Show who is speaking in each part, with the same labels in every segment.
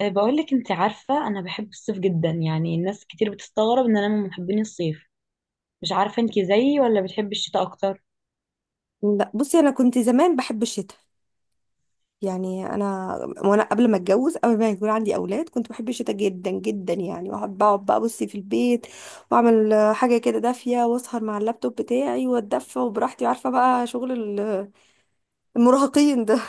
Speaker 1: بقولك انت عارفة انا بحب الصيف جدا، يعني الناس كتير بتستغرب ان انا من محبين الصيف. مش عارفة انت زيي ولا بتحبي الشتاء اكتر؟
Speaker 2: لا بصي انا كنت زمان بحب الشتاء. يعني انا وانا قبل ما اتجوز قبل ما يكون عندي اولاد كنت بحب الشتاء جدا جدا، يعني واحب اقعد بقى بصي في البيت واعمل حاجه كده دافيه واسهر مع اللابتوب بتاعي واتدفى وبراحتي عارفه بقى شغل ال- المراهقين ده.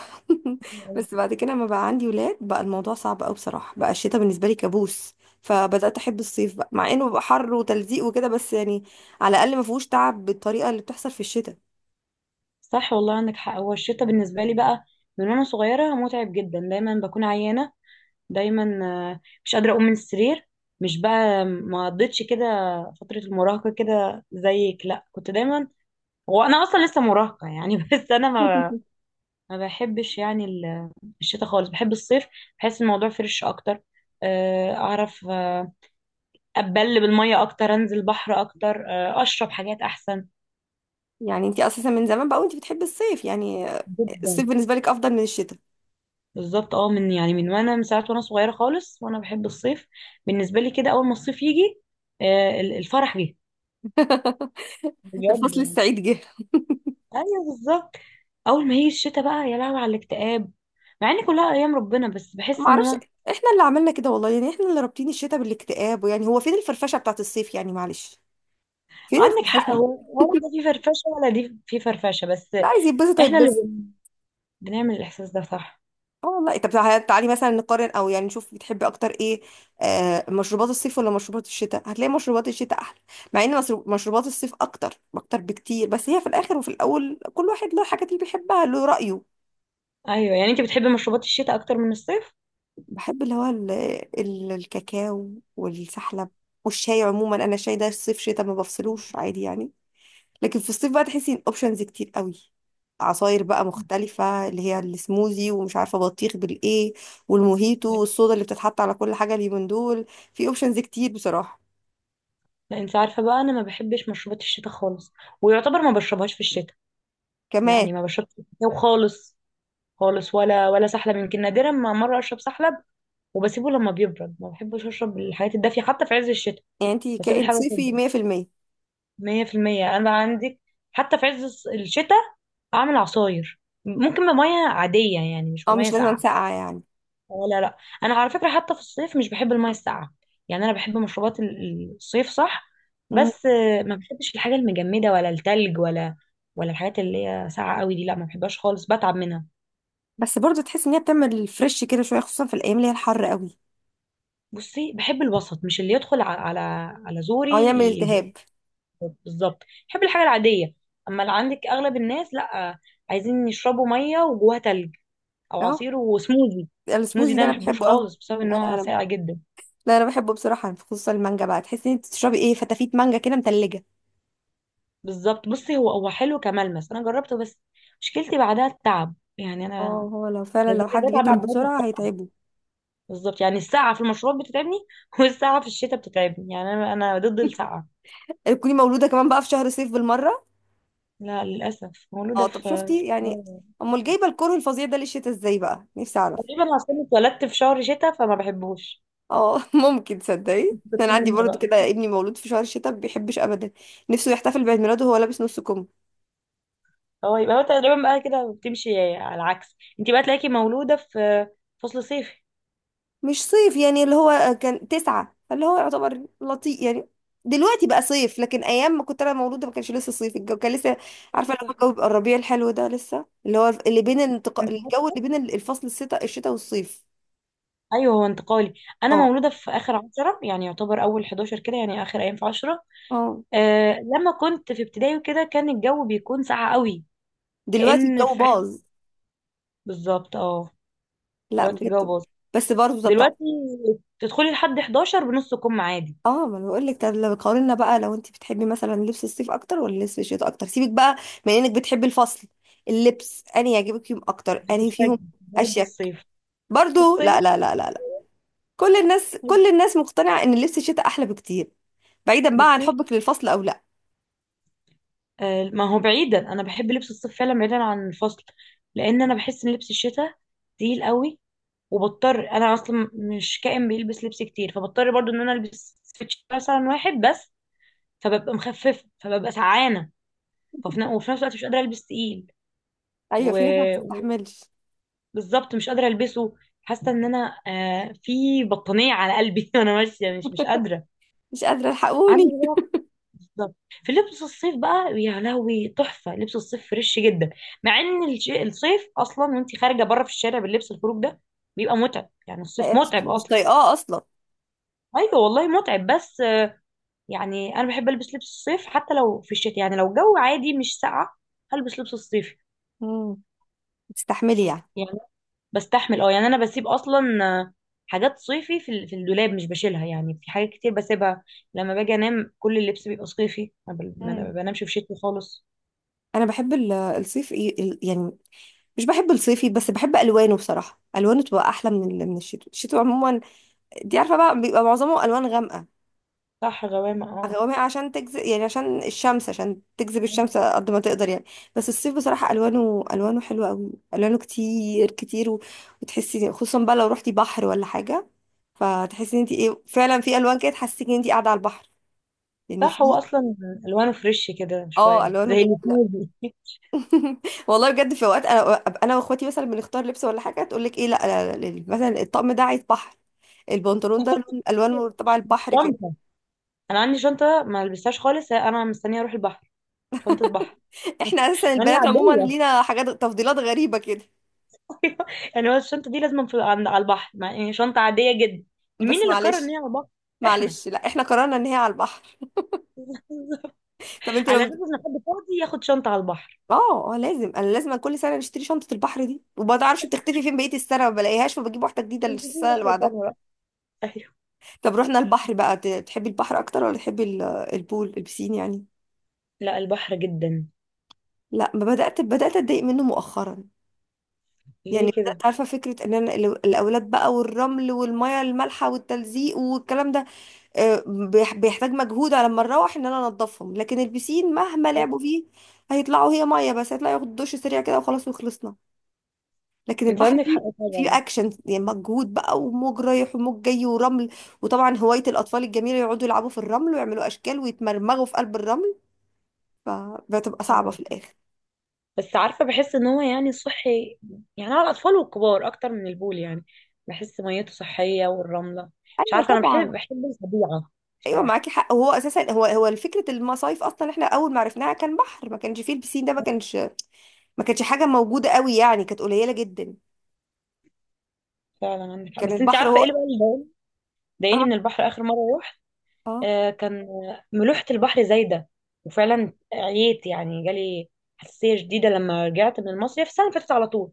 Speaker 2: بس بعد كده لما بقى عندي ولاد بقى الموضوع صعب قوي بصراحه، بقى الشتاء بالنسبه لي كابوس. فبدات احب الصيف بقى مع انه بقى حر وتلزيق وكده، بس يعني على الاقل ما فيهوش تعب بالطريقه اللي بتحصل في الشتاء.
Speaker 1: صح والله، عندك حق. هو الشتاء بالنسبة لي بقى من وانا صغيرة متعب جدا، دايما بكون عيانة دايما. مش قادرة اقوم من السرير. مش بقى ما قضيتش كده فترة المراهقة كده زيك، لا كنت دايما. هو انا اصلا لسه مراهقة يعني. بس انا ما ما بحبش يعني الشتاء خالص، بحب الصيف. بحس الموضوع فريش اكتر، اعرف. اتبل بالميه اكتر، انزل بحر اكتر، اشرب حاجات احسن.
Speaker 2: يعني انت اساسا من زمان بقى وانت بتحبي الصيف، يعني
Speaker 1: جدا.
Speaker 2: الصيف بالنسبه لك افضل من الشتاء.
Speaker 1: بالظبط اه، من يعني، من وانا، من ساعه وانا صغيره خالص وانا بحب الصيف. بالنسبه لي كده، اول ما الصيف يجي الفرح جه، بجد
Speaker 2: الفصل
Speaker 1: يعني.
Speaker 2: السعيد جه.
Speaker 1: ايوه بالظبط. اول ما هي الشتاء بقى، يا لهوي على الاكتئاب. مع ان كلها ايام ربنا، بس
Speaker 2: ما
Speaker 1: بحس ان
Speaker 2: اعرفش،
Speaker 1: هو
Speaker 2: احنا اللي عملنا كده والله، يعني احنا اللي رابطين الشتاء بالاكتئاب، ويعني هو فين الفرفشه بتاعت الصيف يعني؟ معلش، فين
Speaker 1: عندك حق،
Speaker 2: الفرفشه؟
Speaker 1: هو ولا ده فيه فرفشه ولا دي فيه فرفشه بس.
Speaker 2: لا عايز يتبسط
Speaker 1: احنا اللي
Speaker 2: هيتبسط.
Speaker 1: بنعمل الاحساس ده، صح.
Speaker 2: اه والله، طب تعالي تعالي مثلا نقارن او يعني نشوف بتحبي اكتر ايه؟ آه مشروبات الصيف ولا مشروبات الشتاء؟ هتلاقي مشروبات الشتاء احلى، مع ان مشروبات الصيف اكتر اكتر بكتير، بس هي في الاخر وفي الاول كل واحد له الحاجات اللي بيحبها، له رايه.
Speaker 1: ايوه. يعني انت بتحبي مشروبات الشتاء اكتر من الصيف؟
Speaker 2: بحب اللي هو الكاكاو والسحلب والشاي. عموما انا الشاي ده الصيف شتاء ما بفصلوش، عادي يعني. لكن في الصيف بقى تحسي ان اوبشنز كتير قوي. عصاير بقى مختلفة اللي هي السموزي ومش عارفة بطيخ بالايه والموهيتو والصودا اللي بتتحط على كل حاجة اليومين دول. في اوبشنز كتير بصراحة.
Speaker 1: لا، انت عارفه بقى، انا ما بحبش مشروبات الشتاء خالص، ويعتبر ما بشربهاش في الشتاء.
Speaker 2: كمان،
Speaker 1: يعني ما بشربش في الشتاء خالص خالص، ولا سحلب، يمكن نادرا ما مره اشرب سحلب وبسيبه لما بيبرد. ما بحبش اشرب الحاجات الدافيه حتى في عز الشتاء.
Speaker 2: يعني انتي
Speaker 1: بسيب
Speaker 2: كائن
Speaker 1: الحاجه
Speaker 2: صيفي
Speaker 1: تبرد.
Speaker 2: 100%.
Speaker 1: 100% انا عندي. حتى في عز الشتاء اعمل عصاير، ممكن بميه عاديه يعني، مش
Speaker 2: اه
Speaker 1: بميه
Speaker 2: مش لازم
Speaker 1: ساقعه.
Speaker 2: ساقعة يعني.
Speaker 1: لا لا، انا على فكره حتى في الصيف مش بحب الميه الساقعه. يعني انا بحب مشروبات الصيف، صح.
Speaker 2: مم.
Speaker 1: بس ما بحبش الحاجه المجمده ولا التلج ولا الحاجات اللي هي ساقعه قوي دي، لا ما بحبهاش خالص، بتعب منها.
Speaker 2: بس برضه تحس ان هي بتعمل فريش كده شوية، خصوصا في الايام اللي هي الحر قوي.
Speaker 1: بصي، بحب الوسط، مش اللي يدخل على زوري
Speaker 2: اه يعمل التهاب.
Speaker 1: بالظبط، بحب الحاجه العاديه. اما اللي عندك اغلب الناس، لا عايزين يشربوا ميه وجواها تلج، او
Speaker 2: اه
Speaker 1: عصير وسموزي. سموزي
Speaker 2: السموزي ده
Speaker 1: ده ما
Speaker 2: انا
Speaker 1: بحبوش
Speaker 2: بحبه قوي.
Speaker 1: خالص، بسبب
Speaker 2: لا
Speaker 1: ان
Speaker 2: لا
Speaker 1: هو
Speaker 2: انا
Speaker 1: ساقع جدا.
Speaker 2: لا انا بحبه بصراحه، خصوصا المانجا بقى تحسي ان انت بتشربي ايه، فتافيت مانجا كده متلجه.
Speaker 1: بالظبط. بصي، هو حلو كملمس، انا جربته بس مشكلتي بعدها التعب، يعني
Speaker 2: اه
Speaker 1: انا
Speaker 2: هو لو فعلا
Speaker 1: بيقول
Speaker 2: لو
Speaker 1: لي
Speaker 2: حد
Speaker 1: بتعب من
Speaker 2: بيتعب
Speaker 1: ناحيه
Speaker 2: بسرعه
Speaker 1: السقعه.
Speaker 2: هيتعبه.
Speaker 1: بالظبط، يعني السقعه في المشروبات بتتعبني. والسقعه في الشتاء بتتعبني، يعني انا ضد السقعه.
Speaker 2: تكوني مولوده كمان بقى في شهر صيف بالمره.
Speaker 1: لا للاسف، مولوده
Speaker 2: اه طب
Speaker 1: في
Speaker 2: شفتي يعني،
Speaker 1: في-
Speaker 2: امال جايبه الكره الفظيع ده للشتا ازاي؟ بقى نفسي اعرف.
Speaker 1: تقريبا عشان اتولدت في شهر شتاء فما بحبوش.
Speaker 2: اه ممكن تصدقي
Speaker 1: كنت
Speaker 2: انا عندي
Speaker 1: منه
Speaker 2: برضو كده،
Speaker 1: بقى.
Speaker 2: ابني مولود في شهر الشتاء ما بيحبش ابدا، نفسه يحتفل بعيد ميلاده وهو لابس نص كم.
Speaker 1: هو يبقى هو تقريبا بقى كده بتمشي على العكس، انت بقى تلاقيكي مولوده في فصل صيفي.
Speaker 2: مش صيف يعني، اللي هو كان تسعة، فاللي هو يعتبر لطيف يعني. دلوقتي بقى صيف، لكن ايام ما كنت انا مولوده ما كانش لسه صيف، الجو كان لسه عارفه اللي هو الجو بيبقى الربيع الحلو ده لسه، اللي هو اللي بين
Speaker 1: انت؟
Speaker 2: الجو اللي بين الفصل الشتاء والصيف.
Speaker 1: ايوه، هو انتقالي. انا
Speaker 2: اه
Speaker 1: مولوده في اخر 10، يعني يعتبر اول 11 كده، يعني اخر ايام في 10.
Speaker 2: اه،
Speaker 1: لما كنت في ابتدائي وكده كان الجو بيكون ساقع قوي،
Speaker 2: دلوقتي
Speaker 1: كأن
Speaker 2: الجو
Speaker 1: في عز.
Speaker 2: باظ.
Speaker 1: بالظبط اه،
Speaker 2: لا
Speaker 1: دلوقتي الجو
Speaker 2: بجد،
Speaker 1: باظ.
Speaker 2: بس برضه ده بتاع.
Speaker 1: دلوقتي تدخلي لحد 11 بنص كم عادي،
Speaker 2: اه ما انا بقول لك، طب لو قارنا بقى، لو انت بتحبي مثلا لبس الصيف اكتر ولا لبس الشتاء اكتر، سيبك بقى من انك بتحبي الفصل، اللبس انهي يعجبك فيهم اكتر؟ انهي فيهم
Speaker 1: هتتفاجئي برد
Speaker 2: اشيك؟
Speaker 1: الصيف.
Speaker 2: برضو لا
Speaker 1: الصيف.
Speaker 2: لا لا لا كل الناس، كل الناس مقتنعة ان لبس الشتاء احلى بكتير، بعيدا بقى عن
Speaker 1: بصي،
Speaker 2: حبك للفصل او لا.
Speaker 1: ما هو بعيدا، انا بحب لبس الصيف فعلا بعيدا عن الفصل، لان انا بحس ان لبس الشتاء تقيل قوي. وبضطر، انا اصلا مش كائن بيلبس لبس كتير، فبضطر برضو ان انا البس سويتش مثلا واحد بس، فببقى مخففه فببقى سعانه. ففي ن- وفي نفس الوقت مش قادره البس تقيل.
Speaker 2: ايوه في ناس ما
Speaker 1: و-
Speaker 2: بتستحملش.
Speaker 1: وبالظبط مش قادره البسه. حاسه ان انا في بطانيه على قلبي. وانا ماشيه مش قادره.
Speaker 2: مش قادرة
Speaker 1: عندي
Speaker 2: الحقوني.
Speaker 1: بقى، بالظبط. في لبس الصيف بقى، يا لهوي، تحفه. لبس الصيف فريش جدا، مع ان الصيف اصلا وانت خارجه بره في الشارع باللبس الخروج ده بيبقى متعب، يعني الصيف متعب
Speaker 2: مش
Speaker 1: اصلا.
Speaker 2: طايقاه اصلا.
Speaker 1: ايوه والله، متعب بس. يعني انا بحب البس لبس الصيف حتى لو في الشتاء، يعني لو الجو عادي مش ساقع هلبس لبس الصيف.
Speaker 2: امم، بتستحملي يعني؟
Speaker 1: يعني بستحمل اه، يعني انا بسيب اصلا آه، حاجات صيفي في الدولاب مش بشيلها، يعني في حاجات كتير بسيبها. لما باجي انام كل اللبس بيبقى صيفي، ما أنا
Speaker 2: مم.
Speaker 1: بنامش في شتوي خالص.
Speaker 2: انا بحب الصيف يعني مش بحب الصيفي، بس بحب الوانه بصراحة، الوانه تبقى احلى من من الشتوي. الشتوي عموما دي عارفة بقى بيبقى معظمه الوان غامقة،
Speaker 1: صح، غوامة اه.
Speaker 2: غوامق عشان تجذب، يعني عشان الشمس، عشان تجذب الشمس قد ما تقدر يعني. بس الصيف بصراحة ألوانه، ألوانه حلوة قوي، ألوانه كتير كتير، و... وتحسي خصوصا بقى لو رحتي بحر ولا حاجة، فتحسي ان انت ايه، فعلا في ألوان كده تحسسك ان انت قاعدة على البحر. يعني
Speaker 1: صح، هو
Speaker 2: في
Speaker 1: اصلا الوانه فريش كده
Speaker 2: اه
Speaker 1: شويه
Speaker 2: ألوانه
Speaker 1: زي اللي
Speaker 2: جميلة.
Speaker 1: فيه.
Speaker 2: والله بجد في اوقات انا أبقى انا واخواتي مثلا بنختار لبس ولا حاجة تقول لك ايه، لا، مثلا الطقم ده عايز بحر، البنطلون ده الوان تبع البحر كده.
Speaker 1: شنطه. انا عندي شنطه ما لبستهاش خالص، انا مستنيه اروح البحر. شنطه بحر.
Speaker 2: احنا اساسا
Speaker 1: يعني
Speaker 2: البنات عموما
Speaker 1: عاديه.
Speaker 2: لينا حاجات، تفضيلات غريبة كده،
Speaker 1: يعني هو الشنطة دي لازم في على البحر، مع يعني شنطة عادية جدا. مين
Speaker 2: بس
Speaker 1: اللي قرر ان
Speaker 2: معلش.
Speaker 1: هي على البحر؟ احنا.
Speaker 2: معلش، لا احنا قررنا ان هي على البحر. طب انت
Speaker 1: على
Speaker 2: لو
Speaker 1: اساس ان حد فاضي ياخد شنطة على البحر.
Speaker 2: اه لازم انا لازم كل سنه نشتري شنطه البحر دي، وما تعرفش بتختفي فين بقيه السنه، ما بلاقيهاش فبجيب واحده جديده
Speaker 1: كنت دي
Speaker 2: للسنه اللي
Speaker 1: واحدة تانية
Speaker 2: بعدها.
Speaker 1: بقى. ايوه.
Speaker 2: طب رحنا البحر بقى، تحبي البحر اكتر ولا تحبي البول، البسين يعني؟
Speaker 1: لا، البحر جدا.
Speaker 2: لا ما بدات، بدات اتضايق منه مؤخرا. يعني
Speaker 1: ليه كده؟
Speaker 2: بدات عارفه فكره ان انا الاولاد بقى والرمل والميه المالحه والتلزيق والكلام ده، بيحتاج مجهود على ما نروح ان انا انضفهم. لكن البسين مهما
Speaker 1: آه،
Speaker 2: لعبوا فيه هيطلعوا هي ميه، بس هيطلعوا ياخدوا دش سريع كده وخلاص وخلصنا. لكن
Speaker 1: انت
Speaker 2: البحر
Speaker 1: عندك
Speaker 2: فيه،
Speaker 1: حق
Speaker 2: فيه
Speaker 1: طبعا.
Speaker 2: اكشن يعني، مجهود بقى وموج رايح وموج جاي ورمل، وطبعا هواية الاطفال الجميلة يقعدوا يلعبوا في الرمل ويعملوا اشكال ويتمرمغوا في قلب الرمل، فبتبقى صعبة
Speaker 1: أيوة.
Speaker 2: في الاخر.
Speaker 1: بس عارفة، بحس ان هو يعني صحي، يعني على الاطفال والكبار اكتر من البول يعني. بحس ميته صحية والرملة. مش
Speaker 2: ايوه
Speaker 1: عارفة، انا
Speaker 2: طبعا.
Speaker 1: بحب الطبيعة
Speaker 2: ايوه
Speaker 1: بصراحة.
Speaker 2: معاكي حق، وهو اساسا هو هو فكره المصايف اصلا، احنا اول ما عرفناها كان بحر، ما كانش فيه البسين ده، ما كانش، ما كانش حاجه موجوده قوي يعني، كانت قليله جدا.
Speaker 1: فعلا عندك حق.
Speaker 2: كان
Speaker 1: بس انت
Speaker 2: البحر
Speaker 1: عارفة ايه اللي
Speaker 2: هو
Speaker 1: بقى اللي ضايقني، ضايقني
Speaker 2: اه
Speaker 1: من البحر اخر مرة.
Speaker 2: اه،
Speaker 1: كان ملوحة البحر زايدة، وفعلا عييت، يعني جالي حساسية شديدة لما رجعت من المصيف السنة اللي فاتت على طول.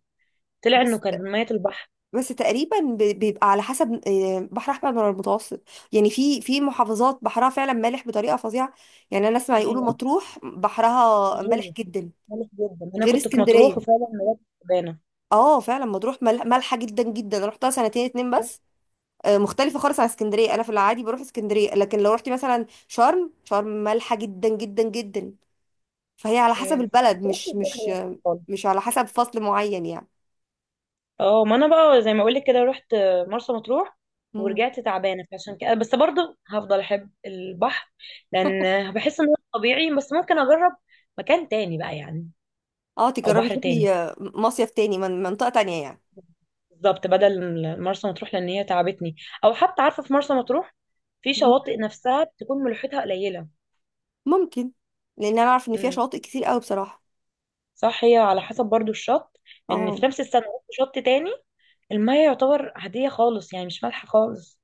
Speaker 1: طلع انه كان
Speaker 2: بس
Speaker 1: مية البحر.
Speaker 2: بس تقريبا بيبقى على حسب بحر احمر ولا المتوسط. يعني في في محافظات بحرها فعلا مالح بطريقه فظيعه، يعني انا اسمع يقولوا
Speaker 1: هي
Speaker 2: مطروح بحرها مالح
Speaker 1: هي
Speaker 2: جدا،
Speaker 1: ملح جدا، انا
Speaker 2: غير
Speaker 1: كنت في مطروح وفعلا
Speaker 2: اسكندريه.
Speaker 1: مرات تعبانة.
Speaker 2: اه فعلا مطروح مالحه جدا جدا، رحتها سنتين اتنين بس. مختلفه خالص عن اسكندريه. انا في العادي بروح اسكندريه، لكن لو رحتي مثلا شرم، شرم مالحه جدا جدا جدا. فهي على حسب
Speaker 1: إيه.
Speaker 2: البلد،
Speaker 1: مطروح في البحر يا أخي خالص.
Speaker 2: مش على حسب فصل معين
Speaker 1: اه ما انا بقى زي ما اقولك كده، رحت مرسى مطروح
Speaker 2: يعني.
Speaker 1: ورجعت تعبانة. فعشان كده بس برضه هفضل احب البحر، لان بحس انه طبيعي. بس ممكن اجرب مكان تاني بقى يعني،
Speaker 2: اه
Speaker 1: او
Speaker 2: تجربي
Speaker 1: بحر تاني.
Speaker 2: تروحي مصيف تاني من منطقة تانية يعني.
Speaker 1: بالظبط بدل مرسى مطروح، لان هي تعبتني. او حتى عارفه في مرسى مطروح، في
Speaker 2: مم،
Speaker 1: شواطئ نفسها بتكون ملوحتها قليله.
Speaker 2: ممكن، لان انا اعرف ان فيها
Speaker 1: امم،
Speaker 2: شواطئ كتير قوي بصراحة.
Speaker 1: صح، هي على حسب برضو الشط. ان
Speaker 2: اه
Speaker 1: في نفس السنه رحت شط تاني، الميه يعتبر عاديه خالص، يعني مش مالحه خالص.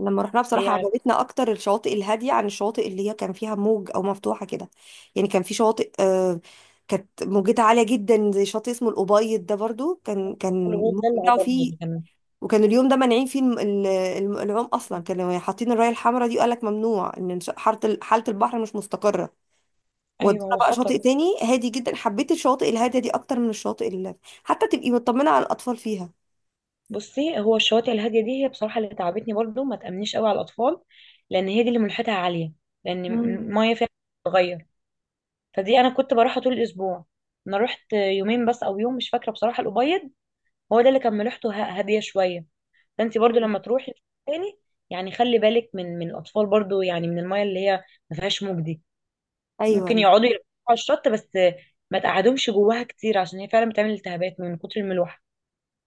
Speaker 2: لما رحنا
Speaker 1: هي
Speaker 2: بصراحة
Speaker 1: على
Speaker 2: عجبتنا اكتر الشواطئ الهادية عن الشواطئ اللي هي كان فيها موج او مفتوحة كده. يعني كان في شواطئ آه، كانت موجتها عالية جدا، زي شاطئ اسمه الأبيض ده برضو، كان
Speaker 1: الغوص
Speaker 2: الموج
Speaker 1: ده اللي
Speaker 2: بتاعه
Speaker 1: عجبني
Speaker 2: فيه.
Speaker 1: اللي كان.
Speaker 2: وكان اليوم ده مانعين فيه العوم اصلا، كانوا حاطين الراية الحمراء دي وقال لك ممنوع ان حالة البحر مش مستقرة.
Speaker 1: ايوه،
Speaker 2: ودونا
Speaker 1: هو
Speaker 2: بقى
Speaker 1: خطر.
Speaker 2: شاطئ تاني هادي جدا، حبيت الشواطئ الهاديه دي اكتر من الشواطئ اللي حتى تبقي مطمنه على الاطفال فيها.
Speaker 1: بصي، هو الشواطئ الهاديه دي هي بصراحه اللي تعبتني برضو، ما تامنيش قوي على الاطفال، لان هي دي اللي ملوحتها عاليه، لان
Speaker 2: مم.
Speaker 1: الميه فيها بتتغير. فدي انا كنت بروحها طول الاسبوع، انا رحت يومين بس او يوم، مش فاكره بصراحه. الابيض هو ده اللي كان ملوحته هاديه شويه. فانت برضو
Speaker 2: ايوه.
Speaker 1: لما تروحي تاني، يعني خلي بالك من الاطفال برضو، يعني من المايه اللي هي ما فيهاش موج دي. ممكن
Speaker 2: ايوه
Speaker 1: يقعدوا يلعبوا على الشط بس، ما تقعدهمش جواها كتير عشان هي فعلا بتعمل التهابات من كتر الملوحه.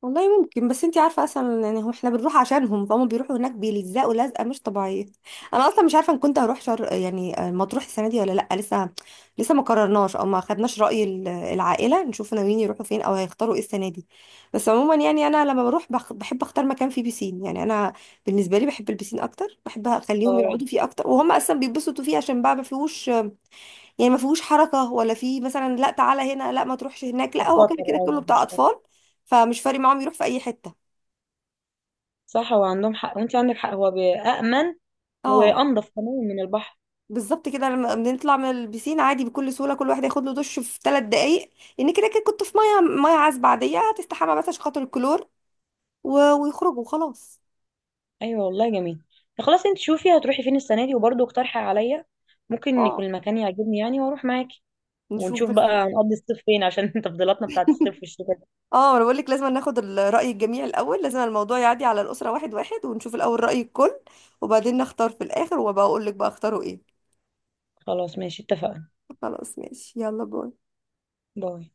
Speaker 2: والله ممكن، بس انتي عارفه اصلا يعني هم، احنا بنروح عشانهم، فهم بيروحوا هناك بيلزقوا لزقه مش طبيعيه. انا اصلا مش عارفه ان كنت هروح شر، يعني مطروح السنه دي ولا لا لسه، لسه ما قررناش او ما خدناش راي العائله، نشوف ناويين يروحوا فين او هيختاروا ايه السنه دي. بس عموما يعني انا لما بروح بحب اختار مكان فيه بيسين، يعني انا بالنسبه لي بحب البيسين اكتر، بحب اخليهم
Speaker 1: اه
Speaker 2: يقعدوا فيه اكتر، وهم اصلا بيتبسطوا فيه عشان بقى ما فيهوش، يعني ما فيهوش حركة، ولا فيه مثلا لا تعالى هنا لا ما تروحش هناك، لا هو كده
Speaker 1: خطر،
Speaker 2: كده
Speaker 1: اه
Speaker 2: كله بتاع
Speaker 1: مش خطر.
Speaker 2: أطفال، فمش فارق معاهم يروح في أي حتة.
Speaker 1: صح، هو عندهم حق، وانت عندك حق. هو أأمن
Speaker 2: اه
Speaker 1: وأنضف كمان من البحر.
Speaker 2: بالظبط كده، لما بنطلع من البسين عادي بكل سهولة، كل واحد ياخد له دش في ثلاث دقايق، لأن كده كده كنت في مية، مية عذبة عادية هتستحمى بس عشان خاطر الكلور، و... ويخرجوا وخلاص.
Speaker 1: ايوه والله، جميل. طب خلاص، انت شوفي هتروحي فين السنه دي وبرضه اقترحي عليا، ممكن يكون
Speaker 2: اه
Speaker 1: المكان يعجبني يعني واروح معاكي.
Speaker 2: نشوف
Speaker 1: ونشوف
Speaker 2: بس.
Speaker 1: بقى هنقضي الصيف فين عشان تفضيلاتنا بتاعت الصيف والشتاء دي.
Speaker 2: اه انا بقول لك لازم ناخد رأي الجميع الأول، لازم الموضوع يعدي على الأسرة واحد واحد، ونشوف الأول رأي الكل وبعدين نختار في الآخر، وبقول لك بقى اختاروا ايه.
Speaker 1: خلاص ماشي، اتفقنا.
Speaker 2: خلاص ماشي يلا باي.
Speaker 1: باي.